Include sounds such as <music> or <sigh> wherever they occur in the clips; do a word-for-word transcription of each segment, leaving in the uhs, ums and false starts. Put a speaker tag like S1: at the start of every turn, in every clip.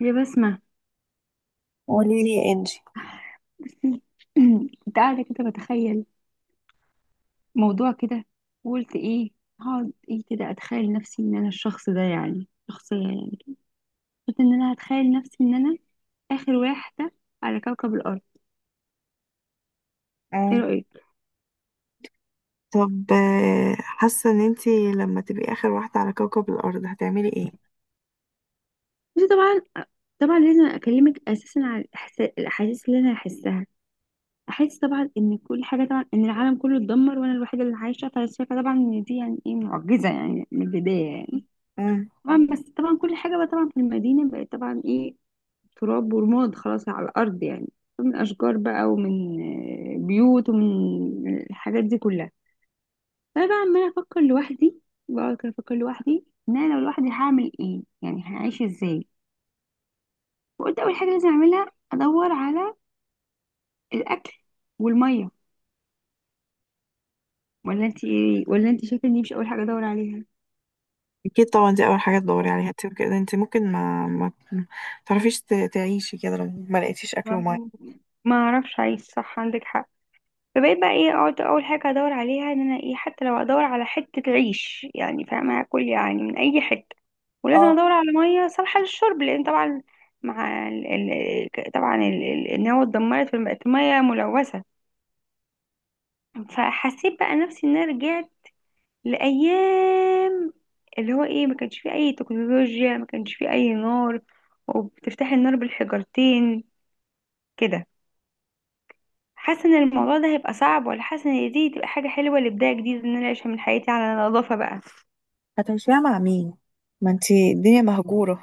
S1: يا بسمة،
S2: قولي لي يا انجي.
S1: بصي <clears throat> كنت قاعدة كده بتخيل موضوع كده. وقلت ايه، هقعد ايه كده، اتخيل نفسي ان انا الشخص ده يعني شخصية يعني. قلت ان انا هتخيل نفسي ان انا اخر واحدة على كوكب الارض. ايه
S2: آه.
S1: رأيك؟
S2: طب، آه، حاسة ان انتي لما تبقي اخر واحدة على كوكب الارض هتعملي ايه؟
S1: بصي، طبعا طبعا لازم اكلمك اساسا على الإحسا- الاحاسيس اللي انا هحسها. احس طبعا ان كل حاجة، طبعا ان العالم كله اتدمر وانا الوحيدة اللي عايشة، فشايفة طبعا ان دي يعني ايه معجزة يعني من البداية يعني.
S2: مم.
S1: طبعا بس طبعا كل حاجة بقى طبعا في المدينة بقت طبعا ايه، تراب ورماد خلاص على الأرض يعني. من أشجار بقى، ومن آه، بيوت، ومن آه، الحاجات دي كلها. فأنا بقى عمالة أفكر لوحدي. بقعد كده أفكر لوحدي إن أنا لو لوحدي هعمل إيه، يعني هعيش إزاي. فقلت أول حاجة لازم أعملها أدور على الأكل والمية. ولا أنت إيه، ولا أنت شايفة إني مش أول حاجة أدور عليها؟
S2: اكيد طبعا دي اول حاجة تدوري عليها، انتي كده انتي ممكن ما ما تعرفيش ت- تعيشي كده لو ما لقيتيش اكل
S1: ما
S2: ومية.
S1: ما اعرفش، عايز صح، عندك حق. فبقيت بقى ايه اقعد اول حاجه ادور عليها ان انا ايه، حتى لو ادور على حته عيش يعني، فاهمه، هاكل يعني من اي حته. ولازم
S2: اه.
S1: ادور على ميه صالحه للشرب، لان طبعا مع ال... ال... ك- طبعا ال... ال... النوى اتدمرت، فبقت ميه ملوثه. فحسيت بقى نفسي ان انا رجعت لايام اللي هو ايه، ما كانش فيه اي تكنولوجيا، ما كانش فيه اي نار، وبتفتحي النار بالحجرتين كده. حاسه ان الموضوع ده هيبقى صعب، ولا حاسه ان دي تبقى حاجه حلوه لبدايه جديده، ان انا اعيش من حياتي على نظافه بقى؟
S2: هتمشيها مع مين؟ ما انتي الدنيا مهجورة.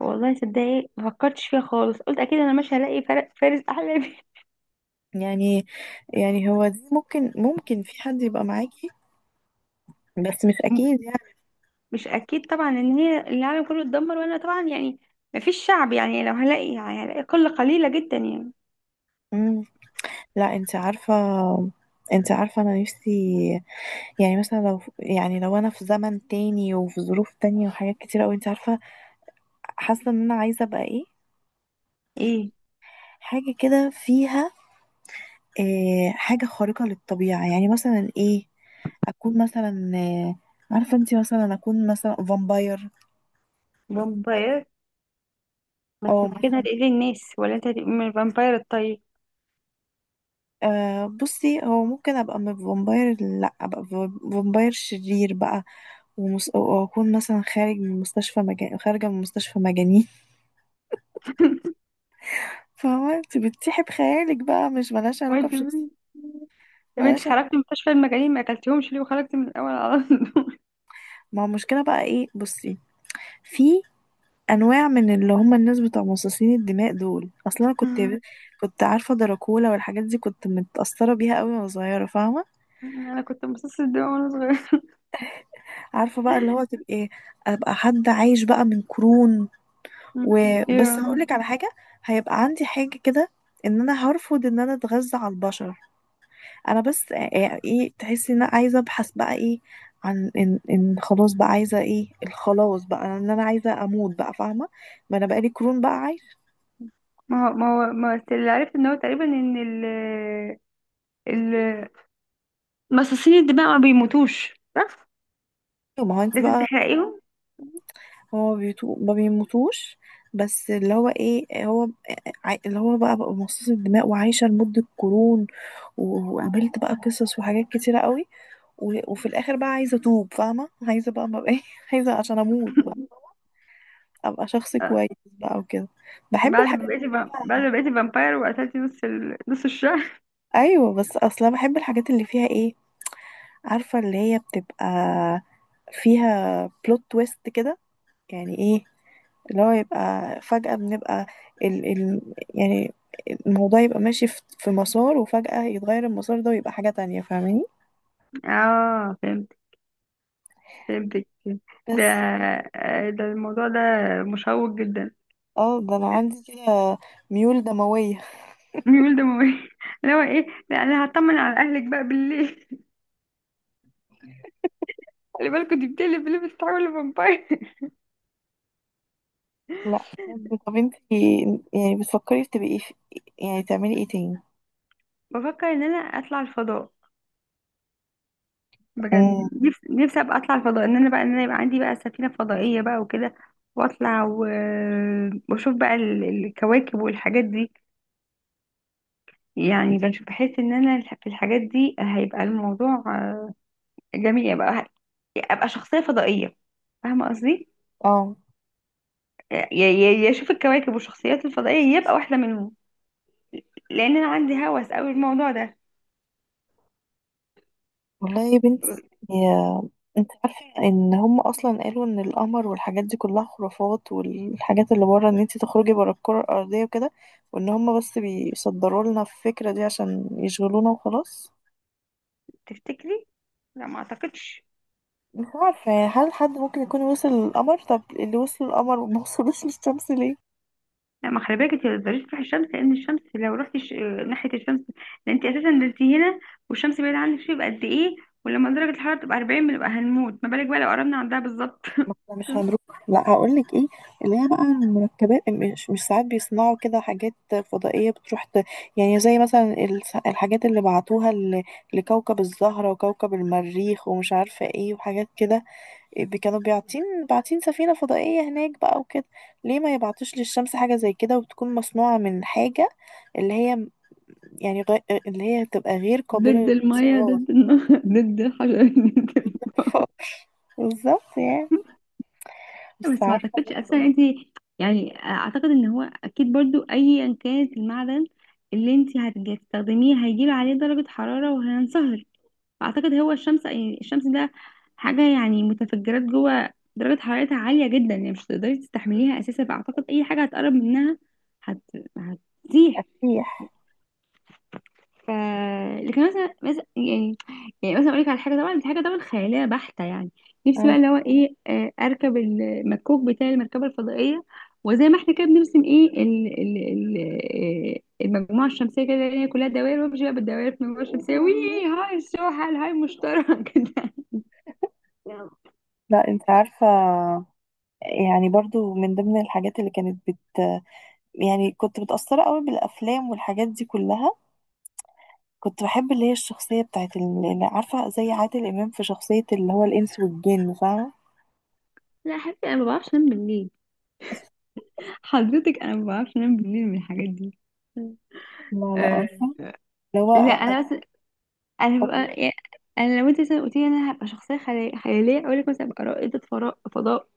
S1: والله صدقني ما فكرتش فيها خالص، قلت اكيد انا مش هلاقي فر- فارس احلى.
S2: <laughs> يعني يعني هو دي ممكن ممكن في حد يبقى معاكي، بس مش اكيد
S1: <laughs>
S2: يعني.
S1: مش اكيد طبعا ان هي العالم كله اتدمر، وانا طبعا يعني ما فيش شعب يعني، لو هلاقي يعني هلاقي قله قليله جدا يعني.
S2: مم. لا انت عارفة، انت عارفة انا نفسي. يعني مثلا لو يعني لو انا في زمن تاني وفي ظروف تانية وحاجات كتير اوي، انت عارفة، حاسة ان انا عايزة ابقى ايه،
S1: ايه،
S2: حاجة كده فيها، إيه، حاجة خارقة للطبيعة، يعني مثلا ايه، اكون مثلا، آه، عارفه انت، مثلا اكون مثلا فامباير،
S1: فامباير؟ بس
S2: او
S1: انت كده
S2: مثلا،
S1: هتقتلي الناس، ولا انت هتبقي من الفامباير الطيب؟
S2: آه بصي، هو ممكن ابقى م- فامباير، لا ابقى ف- فامباير شرير بقى. ومس... واكون مثلا خارج من مستشفى مجان... خارجه من مستشفى مجانين. <laughs> فهو انت بتسيحي بخيالك بقى، مش ملهاش علاقه
S1: وانت
S2: بشخص،
S1: مين؟ طب انت
S2: ملهاش.
S1: خرجتي من مستشفى المجانين، ما اكلتيهمش ليه، وخرجتي من الاول على طول؟
S2: ما هو المشكلة بقى ايه، بصي، في انواع من اللي هم الناس بتوع مصاصين الدماء دول. اصلا انا كنت
S1: <laughs>
S2: كنت عارفة دراكولا والحاجات دي، كنت متأثرة بيها قوي وانا صغيرة، فاهمة.
S1: انا كنت امتصاص الدماء وانا صغيره.
S2: عارفة بقى اللي هو تبقى ايه، ابقى حد عايش بقى من قرون.
S1: مم.
S2: وبس
S1: ايوه.
S2: هقولك على حاجة، هيبقى عندي حاجة كده، ان انا هرفض ان انا اتغذى على البشر. انا بس ايه، إيه، تحسي ان انا عايزة ابحث بقى ايه، عن ان ان خلاص بقى، عايزة ايه الخلاص بقى، ان انا عايزة اموت بقى، فاهمة؟ ما انا بقالي قرون بقى.
S1: ما هو ما هو ما هو اللي عرفت ان هو تقريبا ان ال ال مصاصين الدماء ما بيموتوش، صح؟
S2: ما هو انت
S1: لازم
S2: بقى،
S1: تحرقيهم.
S2: هو بيتو... ما بيموتوش، بس اللي هو ايه، هو ع- اللي هو بقى بقى مصاص الدماء وعايشه لمده قرون، و- وقابلت بقى قصص وحاجات كتيره قوي، و... وفي الاخر بقى عايزه اتوب، فاهمه، عايزه بقى، ما بقى <laughs> ايه، عايزه عشان اموت بقى،
S1: <laughs>
S2: ابقى شخص
S1: آه،
S2: كويس بقى وكده. بحب
S1: بعد ما
S2: الحاجات اللي
S1: بقيتي فا- بعد
S2: فيها.
S1: ما بقيتي فامباير وقتلتي نص ال... نص الشهر.
S2: <laughs> ايوه، بس اصلا بحب الحاجات اللي فيها ايه، عارفه اللي هي بتبقى فيها بلوت تويست كده، يعني ايه، اللي هو يبقى فجأة بنبقى ال ال، يعني الموضوع يبقى ماشي في في مسار وفجأة يتغير المسار ده ويبقى حاجة تانية، فاهماني؟
S1: <laughs> اه، فهمت، فهمتك. ده
S2: بس
S1: آه، ده الموضوع ده مشوق جدا.
S2: اه، ده انا عندي كده ميول دموية.
S1: ميول دموي. <laughs> اللي هو ايه، لا انا هطمن على اهلك بقى بالليل. <laughs> خلي بالكوا دي بتقلب اللي بتتحول لفامباير. <laughs>
S2: لا، بجد. طب انتي يعني بتفكري تبقي في، يعني تعملي ايه تاني؟
S1: بفكر ان انا اطلع الفضاء، بجد.
S2: امم.
S1: نفسي نفسي ابقى اطلع الفضاء، ان انا بقى ان انا يبقى عندي بقى سفينه فضائيه بقى وكده، واطلع و... واشوف بقى ال- الكواكب والحاجات دي. يعني بشوف، بحس ان انا الح- في الحاجات دي هيبقى الموضوع آه، جميل. يبقى ابقى شخصيه فضائيه، فاهمه قصدي؟
S2: اه.
S1: يا يا- يا اشوف الكواكب والشخصيات الفضائيه، يبقى واحده منهم. لان انا عندي هوس قوي الموضوع ده.
S2: والله يا بنتي، يا... انت عارفة ان هم اصلا قالوا ان القمر والحاجات دي كلها خرافات، والحاجات اللي بره ان انت تخرجي بره الكرة الارضية وكده، وان هم بس بيصدروا لنا الفكرة دي عشان يشغلونا وخلاص.
S1: تفتكري؟ لا، ما اعتقدش.
S2: مش عارفة يعني، هل حد ممكن يكون وصل للقمر؟ طب اللي وصل للقمر وما وصلوش للشمس ليه؟
S1: لا، ما خلي بالك، انت ما تقدريش تروحي الشمس، لان الشمس لو رحتي ش... ناحيه الشمس، لان انت اساسا نزلتي هنا والشمس بعيده عنك شويه، يبقى قد ايه. ولما درجه الحراره تبقى أربعين بنبقى هنموت، ما بالك بقى لو قربنا عندها بالظبط.
S2: ما
S1: <laughs>
S2: احنا مش هنروح. لا هقول لك ايه، اللي هي بقى المركبات، مش مش ساعات بيصنعوا كده حاجات فضائيه بتروح ت... يعني زي مثلا الس- الحاجات اللي بعتوها ل... لكوكب الزهره وكوكب المريخ ومش عارفه ايه وحاجات كده، إيه، بي- كانوا بيعتين، بعتين سفينه فضائيه هناك بقى وكده. ليه ما يبعتوش للشمس حاجه زي كده، وتكون مصنوعه من حاجه اللي هي، يعني غ... اللي هي تبقى غير قابله
S1: ضد المية،
S2: للانصهار.
S1: ضد النهر، <laughs> ضد الحجر، ضد- ال-
S2: <laughs> بالظبط يعني. بس
S1: بس ما
S2: عارفه
S1: اعتقدش اصلا
S2: إن
S1: انت. يعني اعتقد ان هو اكيد برضو ايا كانت المعدن اللي انت هتستخدميه هيجيب عليه درجة حرارة وهينصهر. اعتقد هو الشمس، يعني الشمس ده حاجه يعني متفجرات جوه، درجه حرارتها عاليه جدا، يعني مش هتقدري تستحمليها اساسا. فاعتقد اي حاجه هتقرب منها هت...
S2: هي
S1: هتزيح.
S2: تسيح.
S1: ف لكن مثلا مثلا يعني، يعني مثلا اقول لك على حاجه، طبعا دي حاجه طبعا خياليه بحته يعني. نفسي بقى اللي هو ايه آه، اركب المكوك بتاع المركبه الفضائيه، وزي ما احنا كده بنرسم ايه ال ال ال آه، المجموعه الشمسيه كده، اللي هي كلها دوائر، وامشي بقى بالدوائر في المجموعه الشمسيه، وي هاي السوحل هاي المشترك <laughs> كده.
S2: لا انت عارفة، يعني برضو من ضمن الحاجات اللي كانت بت، يعني كنت متأثرة قوي بالأفلام والحاجات دي كلها. كنت بحب اللي هي الشخصية بتاعت ال- اللي عارفة، زي عادل إمام في شخصية اللي هو الإنس والجن، فاهمة؟
S1: لا يا حبيبتي انا ما بعرفش انام بالليل. حضرتك انا ما بعرفش انام بالليل من الحاجات دي.
S2: لا لا،
S1: أه.
S2: عارفة اللي هو
S1: لا
S2: ع-
S1: انا بس، انا
S2: أبو
S1: ببقى يعني، انا لو انت مثلا قلت لي انا هبقى شخصيه خيال- خياليه، اقول لك مثلا ابقى رائده فراء فضاء،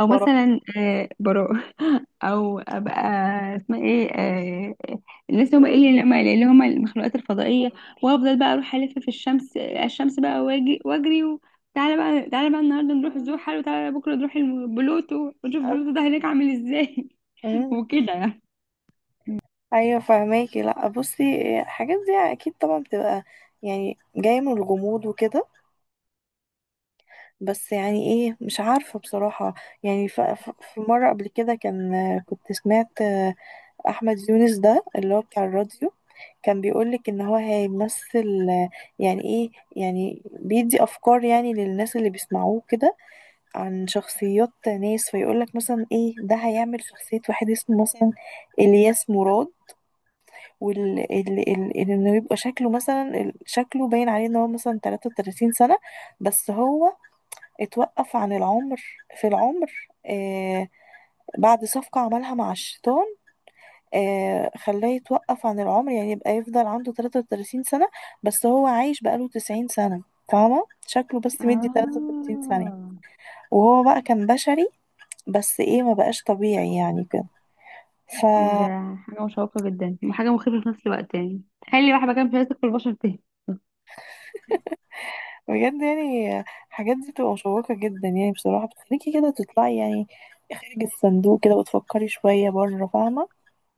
S1: او
S2: الفراعنة.
S1: مثلا أه براء، او ابقى اسمها ايه أه، الناس اللي هم ايه، اللي هم اللي هم المخلوقات الفضائيه. وافضل بقى اروح الف في الشمس، آه، الشمس بقى، واجي واجري و... تعالى بقى، تعالى بقى النهارده نروح زحل، وتعالى بكره نروح الم- بلوتو، ونشوف بلوتو ده هناك عامل ازاي. <laughs>
S2: أمم.
S1: وكده يعني.
S2: أيوة فهماكي. لا بصي، الحاجات دي أكيد طبعا بتبقى يعني جاية من الغموض وكده، بس يعني ايه، مش عارفة بصراحة. يعني ف- ف- في مرة قبل كده، كان كنت سمعت احمد يونس، ده اللي هو بتاع الراديو، كان بيقولك ان هو هيمثل، آه، يعني ايه، يعني بيدي افكار يعني للناس اللي بيسمعوه كده، عن شخصيات ناس. فيقولك مثلا ايه، ده هيعمل شخصية واحد اسمه مثلا الياس مراد، وال ال- ال- ال- انه يبقى شكله مثلا، ال- شكله باين عليه ان هو مثلا تلاتة وتلاتين سنة، بس هو اتوقف عن العمر، في العمر، آه بعد صفقة عملها مع الشيطان، آه خلاه يتوقف عن العمر، يعني يبقى يفضل عنده تلاتة وتلاتين سنة بس هو عايش بقاله تسعين سنة، فاهمة؟ شكله بس مدي تلاتة وتلاتين سنة،
S1: اه،
S2: وهو بقى كان بشري بس ايه ما بقاش طبيعي يعني كده. ف،
S1: ده حاجة مشوقة جدا وحاجة مخيفة في نفس الوقت، يعني تخيلي بقى مكان مش عايز تاكل البشر تاني.
S2: بجد يعني الحاجات دي بتبقى مشوقة جدا يعني، بصراحة بتخليكي كده تطلعي يعني خارج الصندوق كده وتفكري شوية بره، فاهمة؟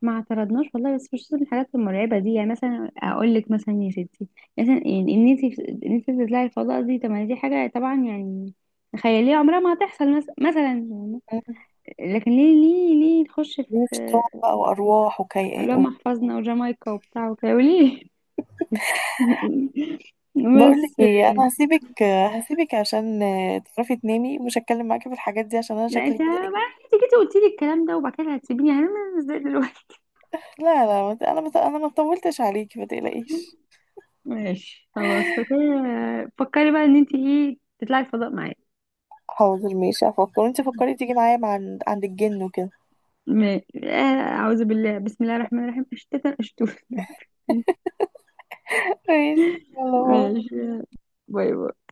S1: ما اعترضناش والله، بس مش من الحاجات المرعبة دي. يعني مثلا اقول لك مثلا يا ستي، مثلا يعني ان انت، ان انت تطلعي الفضاء دي، طب ما دي حاجة طبعا يعني خيالية عمرها ما هتحصل، مثلا مثلا يعني.
S2: مم.
S1: لكن ليه ليه ليه نخش
S2: وشيطان
S1: في
S2: بقى وأرواح وكي...
S1: اللي هم حفظنا وجامايكا وبتاع وكده وليه؟ <laughs>
S2: بقول لك
S1: بس
S2: ايه، انا هسيبك هسيبك عشان تعرفي تنامي، مش هتكلم معاكي في الحاجات دي عشان انا
S1: لا، انت
S2: شكلي كده
S1: بقى
S2: ايه.
S1: انت جيتي قلتي لي الكلام ده، وبعد كده هتسيبيني، هنعمل ازاي دلوقتي؟
S2: لا لا، ما ت- انا ما ت- انا ما طولتش عليكي، ما تقلقيش.
S1: ماشي، خلاص. فكري فكري بقى ان انت ايه تطلعي الفضاء معايا.
S2: حاضر ماشي، هفكر. انت فكري تيجي معايا مع عند عند الجن وكده.
S1: ماشي آه، اعوذ بالله بسم الله الرحمن الرحيم، اشتتا اشتوف. <laughs>
S2: ماشي، يلا باي.
S1: ماشي، باي باي.